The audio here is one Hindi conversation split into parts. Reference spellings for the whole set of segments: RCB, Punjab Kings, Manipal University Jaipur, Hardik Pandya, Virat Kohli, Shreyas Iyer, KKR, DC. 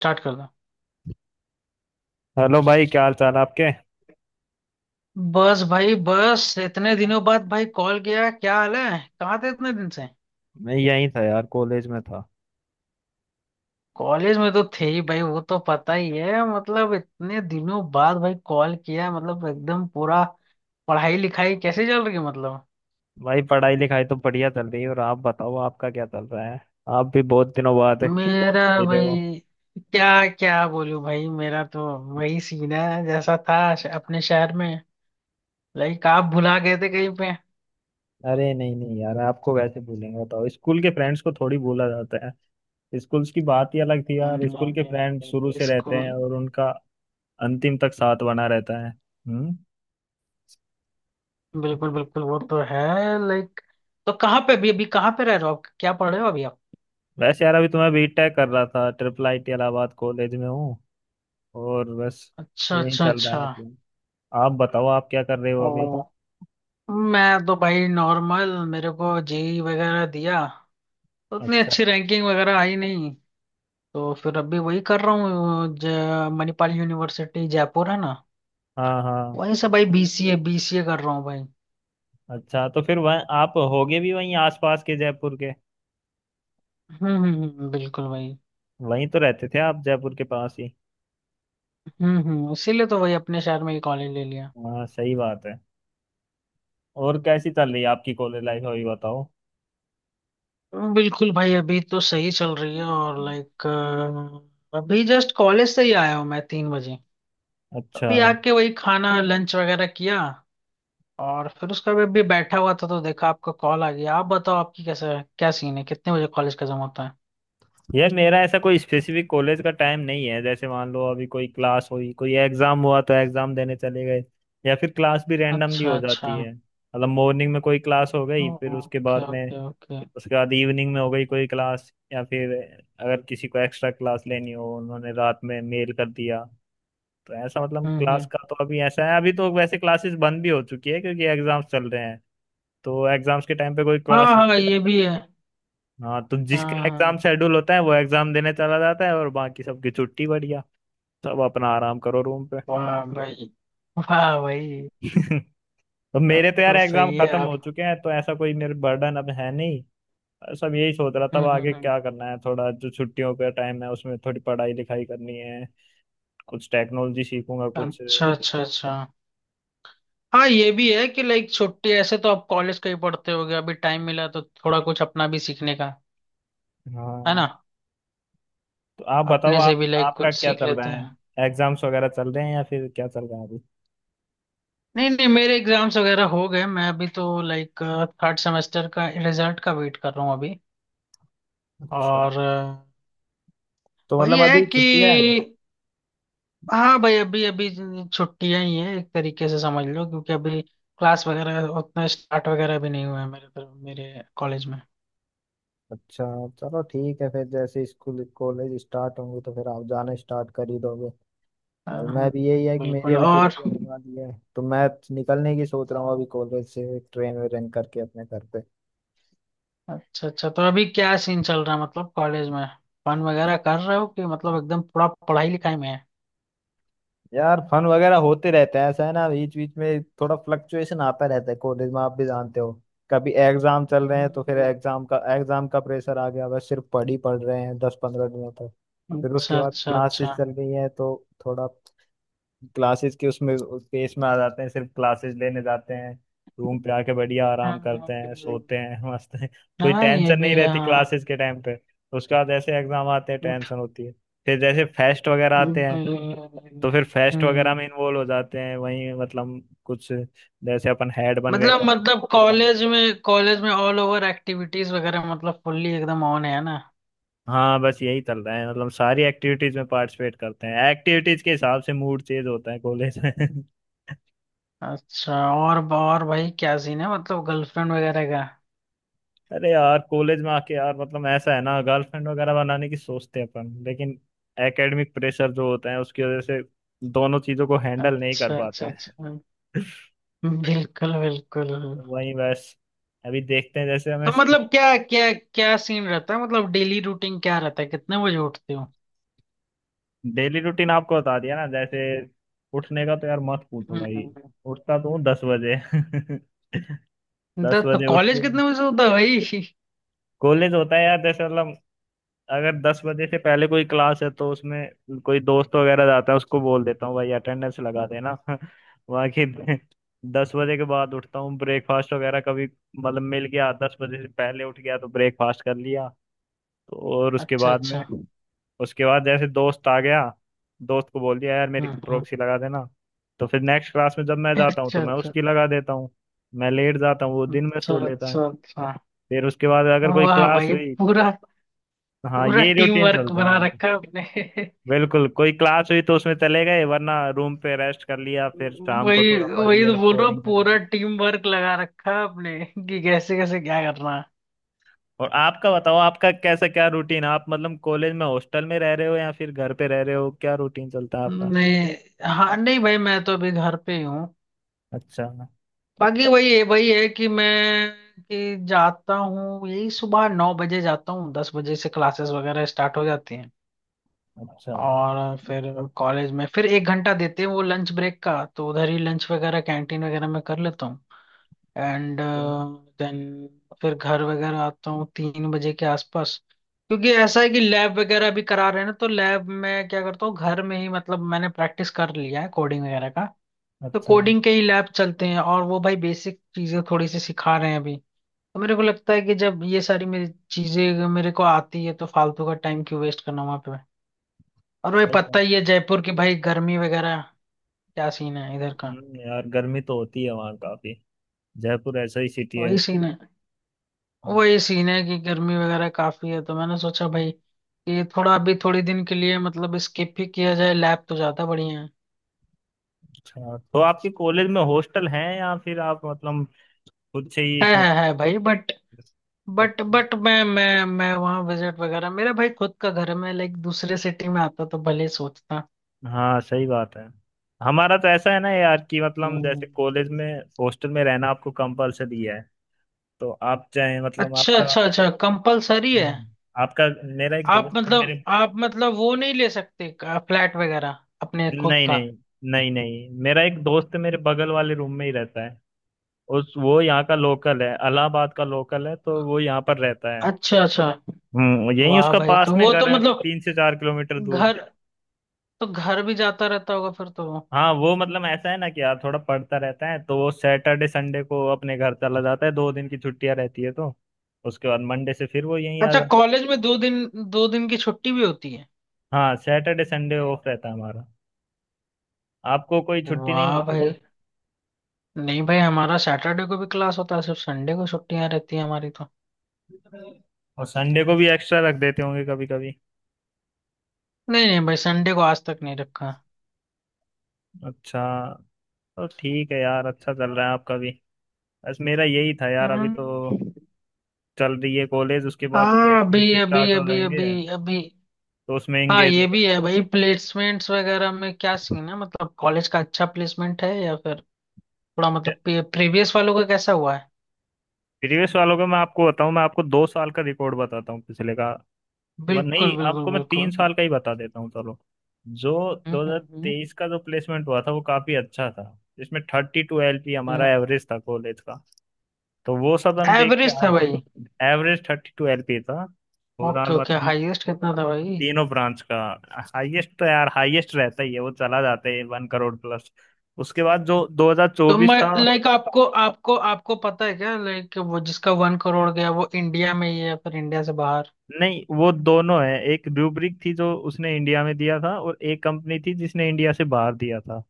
स्टार्ट कर दो। हेलो भाई, क्या हाल चाल आपके। बस भाई बस इतने दिनों बाद भाई कॉल किया, क्या हाल है? कहाँ थे इतने दिन से? मैं यहीं था यार, कॉलेज में था। कॉलेज में तो थे ही भाई, वो तो पता ही है। मतलब इतने दिनों बाद भाई कॉल किया मतलब एकदम पूरा पढ़ाई लिखाई कैसे चल रही है मतलब? भाई पढ़ाई लिखाई तो बढ़िया चल रही है। और आप बताओ, आपका क्या चल रहा है। आप भी बहुत दिनों बाद मेरा मिले हो। भाई क्या क्या बोलूं भाई? मेरा तो वही सीन है जैसा था अपने शहर में। लाइक आप भुला गए थे कहीं पे? अरे नहीं नहीं यार, आपको वैसे भूलेंगे? बताओ, स्कूल के फ्रेंड्स को थोड़ी भूला जाता है। स्कूल्स की बात ही अलग थी यार, स्कूल के फ्रेंड शुरू से रहते स्कूल। हैं और उनका अंतिम तक साथ बना रहता है। हम्म। बिल्कुल बिल्कुल, वो तो है। लाइक, तो कहाँ पे अभी अभी कहाँ पे रह रहे हो आप? क्या पढ़ रहे हो अभी आप? वैसे यार, अभी तो मैं बीटेक कर रहा था, triple I T Allahabad college में हूँ। और बस अच्छा यही अच्छा चल रहा अच्छा। है मतलब। आप बताओ, आप क्या कर रहे हो अभी। ओ, मैं तो भाई नॉर्मल, मेरे को जेई वगैरह दिया, उतनी अच्छा। अच्छी रैंकिंग वगैरह आई नहीं। तो फिर अभी वही कर रहा हूँ। मणिपाल यूनिवर्सिटी जयपुर है ना, हाँ हाँ। वहीं से भाई बीसीए बीसीए कर रहा हूँ भाई। अच्छा तो फिर वह आप होगे भी वहीं आसपास के, जयपुर के। बिल्कुल भाई। वहीं तो रहते थे आप, जयपुर के पास ही। हम्म, इसीलिए तो वही अपने शहर में ही कॉलेज ले लिया। हाँ सही बात है। और कैसी चल रही है आपकी कॉलेज लाइफ, अभी बताओ। बिल्कुल भाई, अभी तो सही चल रही है। और लाइक, अभी जस्ट कॉलेज से ही आया हूँ मैं 3 बजे। अच्छा। अभी आके वही खाना लंच वगैरह किया और फिर उसका भी अभी बैठा हुआ था तो देखा आपका कॉल आ गया। आप बताओ आपकी कैसा क्या सीन है? कितने बजे कॉलेज खत्म होता है? यार मेरा ऐसा कोई स्पेसिफिक कॉलेज का टाइम नहीं है। जैसे मान लो, अभी कोई क्लास हुई, कोई एग्जाम हुआ तो एग्जाम देने चले गए। या फिर क्लास भी रैंडमली अच्छा हो जाती अच्छा। है, मतलब मॉर्निंग में कोई क्लास हो गई, फिर उसके ओके बाद में ओके ओके। उसके बाद इवनिंग में हो गई कोई क्लास। या फिर अगर किसी को एक्स्ट्रा क्लास लेनी हो, उन्होंने रात में मेल कर दिया। तो ऐसा मतलब, क्लास हम्म। का तो अभी ऐसा है, अभी तो वैसे क्लासेस बंद भी हो चुकी है क्योंकि एग्जाम्स चल रहे हैं। तो एग्जाम्स के टाइम पे कोई क्लास। हाँ हाँ ये भी है, हाँ। हाँ, तो जिसका एग्जाम हाँ। शेड्यूल होता है वो एग्जाम देने चला जाता है, और बाकी सबकी छुट्टी बढ़िया। सब अपना आराम करो रूम पे। वाह भाई। वाह भाई। तो मेरे तब तो यार तो एग्जाम सही है खत्म आप। हो चुके हैं, तो ऐसा कोई मेरे बर्डन अब है नहीं। सब यही सोच रहा था, अब हम्म आगे हम्म हम्म। क्या करना है। थोड़ा जो छुट्टियों का टाइम है उसमें थोड़ी पढ़ाई लिखाई करनी है, कुछ टेक्नोलॉजी सीखूंगा कुछ। अच्छा अच्छा अच्छा। हाँ ये भी है कि लाइक, छुट्टी ऐसे तो आप कॉलेज का ही पढ़ते होगे, अभी टाइम मिला तो थोड़ा कुछ अपना भी सीखने का, है ना? हाँ, तो आप बताओ, अपने से आप भी लाइक आपका कुछ क्या सीख चल रहा लेते है। हैं। एग्जाम्स वगैरह चल रहे हैं या फिर क्या चल रहा है अभी। नहीं नहीं, मेरे एग्जाम्स वगैरह हो गए। मैं अभी तो लाइक, थर्ड सेमेस्टर का रिजल्ट का वेट कर रहा हूँ अभी। अच्छा, और तो वही मतलब है अभी कि छुट्टियां हैं। हाँ भाई, अभी अभी छुट्टियां ही है एक तरीके से समझ लो, क्योंकि अभी क्लास वगैरह उतना स्टार्ट वगैरह भी नहीं हुआ है मेरे तरफ मेरे कॉलेज में। अच्छा, चलो ठीक है। फिर जैसे स्कूल कॉलेज स्टार्ट होंगे तो फिर आप जाना स्टार्ट कर ही दोगे। अ, और हम्म, मैं भी यही है कि मेरी बिल्कुल। अभी और, छुट्टी होने वाली है, तो मैं निकलने की सोच रहा हूँ, अभी कॉलेज से ट्रेन वेन करके अपने घर पे। अच्छा अच्छा, तो अभी क्या सीन चल रहा है मतलब कॉलेज में? फन वगैरह कर रहे हो कि मतलब एकदम पूरा पढ़ाई लिखाई में है? यार फन वगैरह होते रहते हैं, ऐसा है ना, बीच बीच में थोड़ा फ्लक्चुएशन आता रहता है कॉलेज में, आप भी जानते हो। कभी एग्जाम चल रहे हैं तो फिर हम्म, एग्जाम का प्रेशर आ गया, बस सिर्फ पढ़ ही पढ़ रहे हैं 10-15 दिनों तक। फिर उसके अच्छा बाद अच्छा अच्छा। क्लासेस चल रही है तो थोड़ा क्लासेस के उसमें पेस में आ जाते हैं, सिर्फ क्लासेस लेने जाते हैं, रूम पे आके बढ़िया आराम हम्म, करते हैं, सोते हैं। मस्त हैं, कोई हाँ ये टेंशन भी नहीं है रहती हाँ। क्लासेस के टाइम पे। उसके बाद ऐसे एग्जाम आते हैं, टेंशन होती है। फिर जैसे फेस्ट वगैरह आते हैं तो फिर फेस्ट वगैरह हम्म। में इन्वॉल्व हो जाते हैं, वहीं मतलब कुछ, जैसे अपन हेड बन गए मतलब तो मतलब अपना काम। कॉलेज में, कॉलेज में ऑल ओवर एक्टिविटीज वगैरह मतलब फुल्ली एकदम ऑन है ना? हाँ बस यही चल रहा है, मतलब सारी एक्टिविटीज में पार्टिसिपेट करते हैं, एक्टिविटीज के हिसाब से मूड चेंज होता है कॉलेज में। अच्छा, और भाई क्या सीन है मतलब गर्लफ्रेंड वगैरह का? अरे यार, कॉलेज में आके यार मतलब ऐसा है ना, गर्लफ्रेंड वगैरह बनाने की सोचते हैं अपन, लेकिन एकेडमिक प्रेशर जो होता है उसकी वजह से दोनों चीजों को हैंडल नहीं कर अच्छा अच्छा पाते। अच्छा। बिल्कुल बिल्कुल। वही बस, अभी देखते हैं जैसे हमें। तो मतलब क्या क्या क्या सीन रहता है? मतलब डेली रूटीन क्या रहता है? कितने बजे उठते हो? डेली रूटीन आपको बता दिया ना जैसे। उठने का तो यार मत पूछो भाई। हम्म। उठता तो हूँ 10 बजे। दस तो बजे उठ कॉलेज के कितने बजे से होता है भाई? कॉलेज होता है यार। जैसे मतलब अगर 10 बजे से पहले कोई क्लास है तो उसमें कोई दोस्त वगैरह जाता है, उसको बोल देता हूँ भाई अटेंडेंस लगा देना। बाकी 10 बजे के बाद उठता हूँ, ब्रेकफास्ट वगैरह कभी, मतलब मिल गया 10 बजे से पहले उठ गया तो ब्रेकफास्ट कर लिया। तो। और उसके अच्छा बाद में अच्छा। उसके बाद जैसे दोस्त आ गया, दोस्त को बोल दिया यार मेरी हम्म हम्म। प्रॉक्सी लगा देना। तो फिर नेक्स्ट क्लास में जब मैं जाता हूँ अच्छा तो मैं अच्छा उसकी लगा देता हूँ। मैं लेट जाता हूँ, वो दिन में अच्छा। सो लेता है। अच्छा अच्छा। फिर उसके बाद अगर कोई वाह क्लास भाई, हुई। पूरा हाँ, पूरा ये टीम रूटीन वर्क चलता है बना यार। रखा है आपने। बिल्कुल, कोई क्लास हुई तो उसमें चले गए, वरना रूम पे रेस्ट कर लिया, फिर शाम को वही थोड़ा पढ़ वही तो लिया, बोल रहा हूँ, कोडिंग कर पूरा ली। टीम वर्क लगा रखा है आपने कि कैसे कैसे क्या करना है। और आपका बताओ, आपका कैसा क्या रूटीन, आप मतलब कॉलेज में हॉस्टल में रह रहे हो या फिर घर पे रह रहे हो, क्या रूटीन चलता है आपका। नहीं हाँ, नहीं भाई मैं तो अभी घर पे ही हूँ। अच्छा। बाकी वही है कि मैं, कि जाता हूँ यही सुबह 9 बजे, जाता हूँ 10 बजे से क्लासेस वगैरह स्टार्ट हो जाती हैं। अच्छा। और फिर कॉलेज में फिर 1 घंटा देते हैं वो लंच ब्रेक का, तो उधर ही लंच वगैरह कैंटीन वगैरह में कर लेता हूँ। एंड तो- देन फिर घर वगैरह आता हूँ 3 बजे के आसपास, क्योंकि ऐसा है कि लैब वगैरह भी करा रहे हैं ना, तो लैब में क्या करता हूँ, घर में ही मतलब मैंने प्रैक्टिस कर लिया है कोडिंग वगैरह का। तो अच्छा। कोडिंग के ही लैब चलते हैं, और वो भाई बेसिक चीजें थोड़ी सी सिखा रहे हैं अभी। तो मेरे को लगता है कि जब ये सारी मेरी चीजें मेरे को आती है तो फालतू का टाइम क्यों वेस्ट करना वहां पे। और भाई सही। पता ही है जयपुर की भाई गर्मी वगैरह, क्या सीन है इधर का? यार गर्मी तो होती है वहाँ काफी, जयपुर ऐसा ही सिटी है। वही सीन है। वही सीन है कि गर्मी वगैरह काफी है, तो मैंने सोचा भाई कि थोड़ा अभी थोड़ी दिन के लिए मतलब स्किप ही किया जाए लैब, तो ज्यादा बढ़िया। अच्छा, तो आपके कॉलेज में हॉस्टल हैं या फिर आप मतलब खुद से ही है इसमें। है है है भाई, बट अच्छा, मैं वहाँ विजिट वगैरह, मेरा भाई खुद का घर है। मैं लाइक दूसरे सिटी में आता तो भले सोचता। हाँ सही बात है। हमारा तो ऐसा है ना यार कि मतलब जैसे हम्म। कॉलेज में हॉस्टल में रहना आपको कंपलसरी है। तो आप चाहे मतलब अच्छा आपका। अच्छा अच्छा, कंपलसरी है? हम्म, आपका, मेरा एक आप दोस्त है मतलब, मेरे। आप मतलब वो नहीं ले सकते फ्लैट वगैरह अपने खुद नहीं का? नहीं। नहीं नहीं, मेरा एक दोस्त है मेरे बगल वाले रूम में ही रहता है। उस वो यहाँ का लोकल है, इलाहाबाद का लोकल है, तो वो यहाँ पर रहता है। अच्छा अच्छा। हम्म, यही वाह उसका भाई, पास तो में वो तो घर है, मतलब 3 से 4 किलोमीटर दूर। घर, तो घर भी जाता रहता होगा फिर तो वो। हाँ वो मतलब ऐसा है ना कि यार थोड़ा पढ़ता रहता है, तो वो सैटरडे संडे को अपने घर चला जाता है, 2 दिन की छुट्टियां रहती है तो उसके बाद मंडे से फिर वो यहीं आ अच्छा, जाता। कॉलेज में दो दिन की छुट्टी भी होती है? हाँ, सैटरडे संडे ऑफ रहता है हमारा। आपको कोई छुट्टी नहीं वाह मिलती क्या। भाई। नहीं भाई, हमारा सैटरडे को भी क्लास होता है, सिर्फ संडे को छुट्टियां रहती है हमारी तो। और संडे को भी एक्स्ट्रा रख देते होंगे कभी कभी। नहीं नहीं भाई, संडे को आज तक नहीं रखा। अच्छा, तो ठीक है यार, अच्छा चल रहा है आपका भी। बस मेरा यही था यार। अभी तो हम्म। चल रही है कॉलेज, उसके बाद हाँ अभी प्लेसमेंट अभी स्टार्ट हो अभी जाएंगे अभी अभी तो उसमें हाँ एंगेज हो ये भी है भाई। प्लेसमेंट्स वगैरह में क्या जाएंगे। सीन है, मतलब कॉलेज का अच्छा प्लेसमेंट है या फिर थोड़ा मतलब, प्रीवियस वालों का कैसा हुआ है? प्रीवियस वालों का मैं आपको बताऊं, मैं आपको 2 साल का रिकॉर्ड बताता हूँ पिछले का। वह नहीं, बिल्कुल आपको बिल्कुल मैं तीन बिल्कुल। साल का ही बता देता हूँ चलो। जो हम्म। 2023 का जो प्लेसमेंट हुआ था वो काफी अच्छा था, जिसमें 32 LP हमारा एवरेज था कॉलेज का। तो वो सब हम देख के एवरेज था आए थे। भाई? एवरेज 32 LP था ओके ओवरऑल, ओके, मतलब हाईएस्ट कितना था भाई? तीनों ब्रांच का। हाईएस्ट तो यार हाईएस्ट रहता ही है, वो चला जाता है 1 करोड़ प्लस। उसके बाद जो तो 2024 मैं था। लाइक, आपको आपको आपको पता है क्या लाइक वो जिसका 1 करोड़ गया वो इंडिया में ही है या फिर इंडिया से बाहर? नहीं, वो दोनों है, एक रूब्रिक थी जो उसने इंडिया में दिया था और एक कंपनी थी जिसने इंडिया से बाहर दिया था।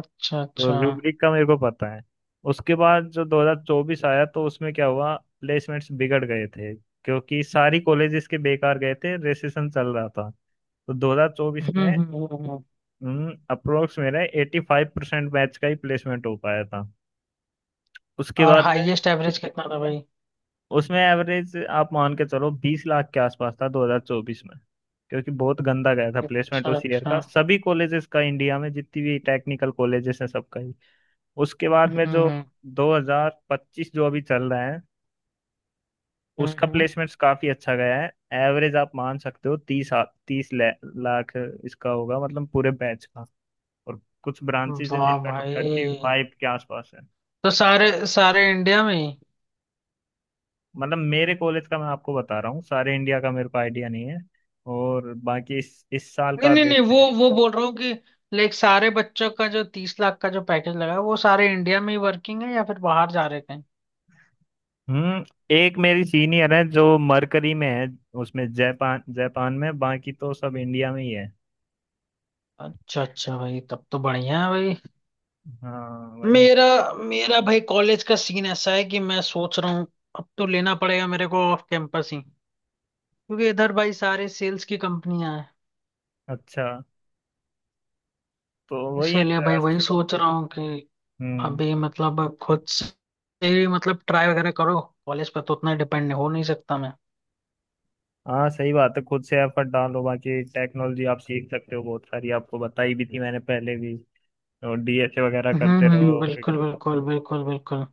अच्छा तो अच्छा। रूब्रिक का मेरे को पता है। उसके बाद जो 2024 आया तो उसमें क्या हुआ, प्लेसमेंट्स बिगड़ गए थे क्योंकि सारी कॉलेजेस के बेकार गए थे, रिसेशन चल रहा था। तो 2024 हम्म में हम्म हम्म, हम्म। अप्रोक्स मेरे 85% बैच का ही प्लेसमेंट हो पाया था। उसके और बाद में हाईएस्ट एवरेज कितना था भाई? उसमें एवरेज आप मान के चलो 20 लाख के आसपास था 2024 में, क्योंकि बहुत गंदा गया था प्लेसमेंट अच्छा उस ईयर अच्छा। का, सभी कॉलेजेस का, इंडिया में जितनी भी टेक्निकल कॉलेजेस हैं सबका ही। उसके बाद में हम्म जो हम्म 2025 जो अभी चल रहा है, उसका हम्म, प्लेसमेंट्स काफी अच्छा गया है। एवरेज आप मान सकते हो तीस तीस लाख इसका होगा, मतलब पूरे बैच का। और कुछ ब्रांचेस हैं वाह जिनका थर्टी भाई, फाइव के आसपास है। तो सारे सारे इंडिया में ही? मतलब मेरे कॉलेज का मैं आपको बता रहा हूँ, सारे इंडिया का मेरे को आइडिया नहीं है। और बाकी इस साल नहीं का नहीं नहीं, देखते वो हैं। वो बोल रहा हूँ कि लाइक, सारे बच्चों का जो 30 लाख का जो पैकेज लगा है वो सारे इंडिया में ही वर्किंग है या फिर बाहर जा रहे कहीं? हम्म। एक मेरी सीनियर है जो मरकरी में है, उसमें जापान, जापान में। बाकी तो सब इंडिया में ही है। अच्छा अच्छा भाई, तब तो बढ़िया है भाई। हाँ वही है। मेरा मेरा भाई कॉलेज का सीन ऐसा है कि मैं सोच रहा हूँ अब तो लेना पड़ेगा मेरे को ऑफ कैंपस ही, क्योंकि इधर भाई सारे सेल्स की कंपनियां हैं। अच्छा, तो वही है इसीलिए तो भाई यार। वही सोच रहा हूँ कि हम्म। अभी मतलब खुद से ही, मतलब ट्राई वगैरह करो, कॉलेज पर तो उतना डिपेंड हो नहीं सकता मैं। हाँ सही बात है, खुद से एफर्ट डालो, बाकी टेक्नोलॉजी आप सीख सकते हो बहुत सारी, आपको बताई भी थी मैंने पहले भी। और डीएसए वगैरह करते रहो। बिल्कुल बिल्कुल बिल्कुल बिल्कुल।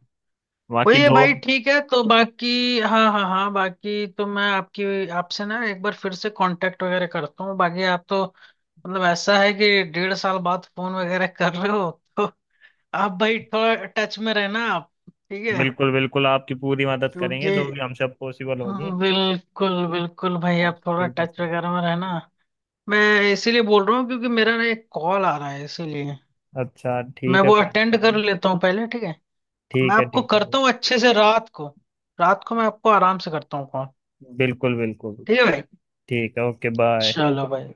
बाकी वही है भाई। जॉब। ठीक है तो बाकी, हाँ हाँ हाँ, बाकी तो मैं आपकी, आपसे ना एक बार फिर से कांटेक्ट वगैरह करता हूँ। बाकी आप तो, मतलब ऐसा है कि 1.5 साल बाद फोन वगैरह कर रहे हो। तो आप भाई थोड़ा टच में रहना आप, ठीक है? बिल्कुल बिल्कुल, आपकी पूरी मदद करेंगे क्योंकि, जो भी हमसे पॉसिबल होगी। बिल्कुल बिल्कुल भाई आप आप थोड़ा स्कूल का। टच वगैरह में रहना। मैं इसीलिए बोल रहा हूँ क्योंकि मेरा ना एक कॉल आ रहा है, इसीलिए अच्छा मैं ठीक है, वो कोई अटेंड दिक्कत कर नहीं। लेता हूँ पहले, ठीक है? मैं ठीक है आपको ठीक है। करता हूँ अच्छे से रात को। रात को मैं आपको आराम से करता हूँ कॉल। बिल्कुल बिल्कुल। ठीक है भाई। ठीक है, ओके, बाय। चलो भाई।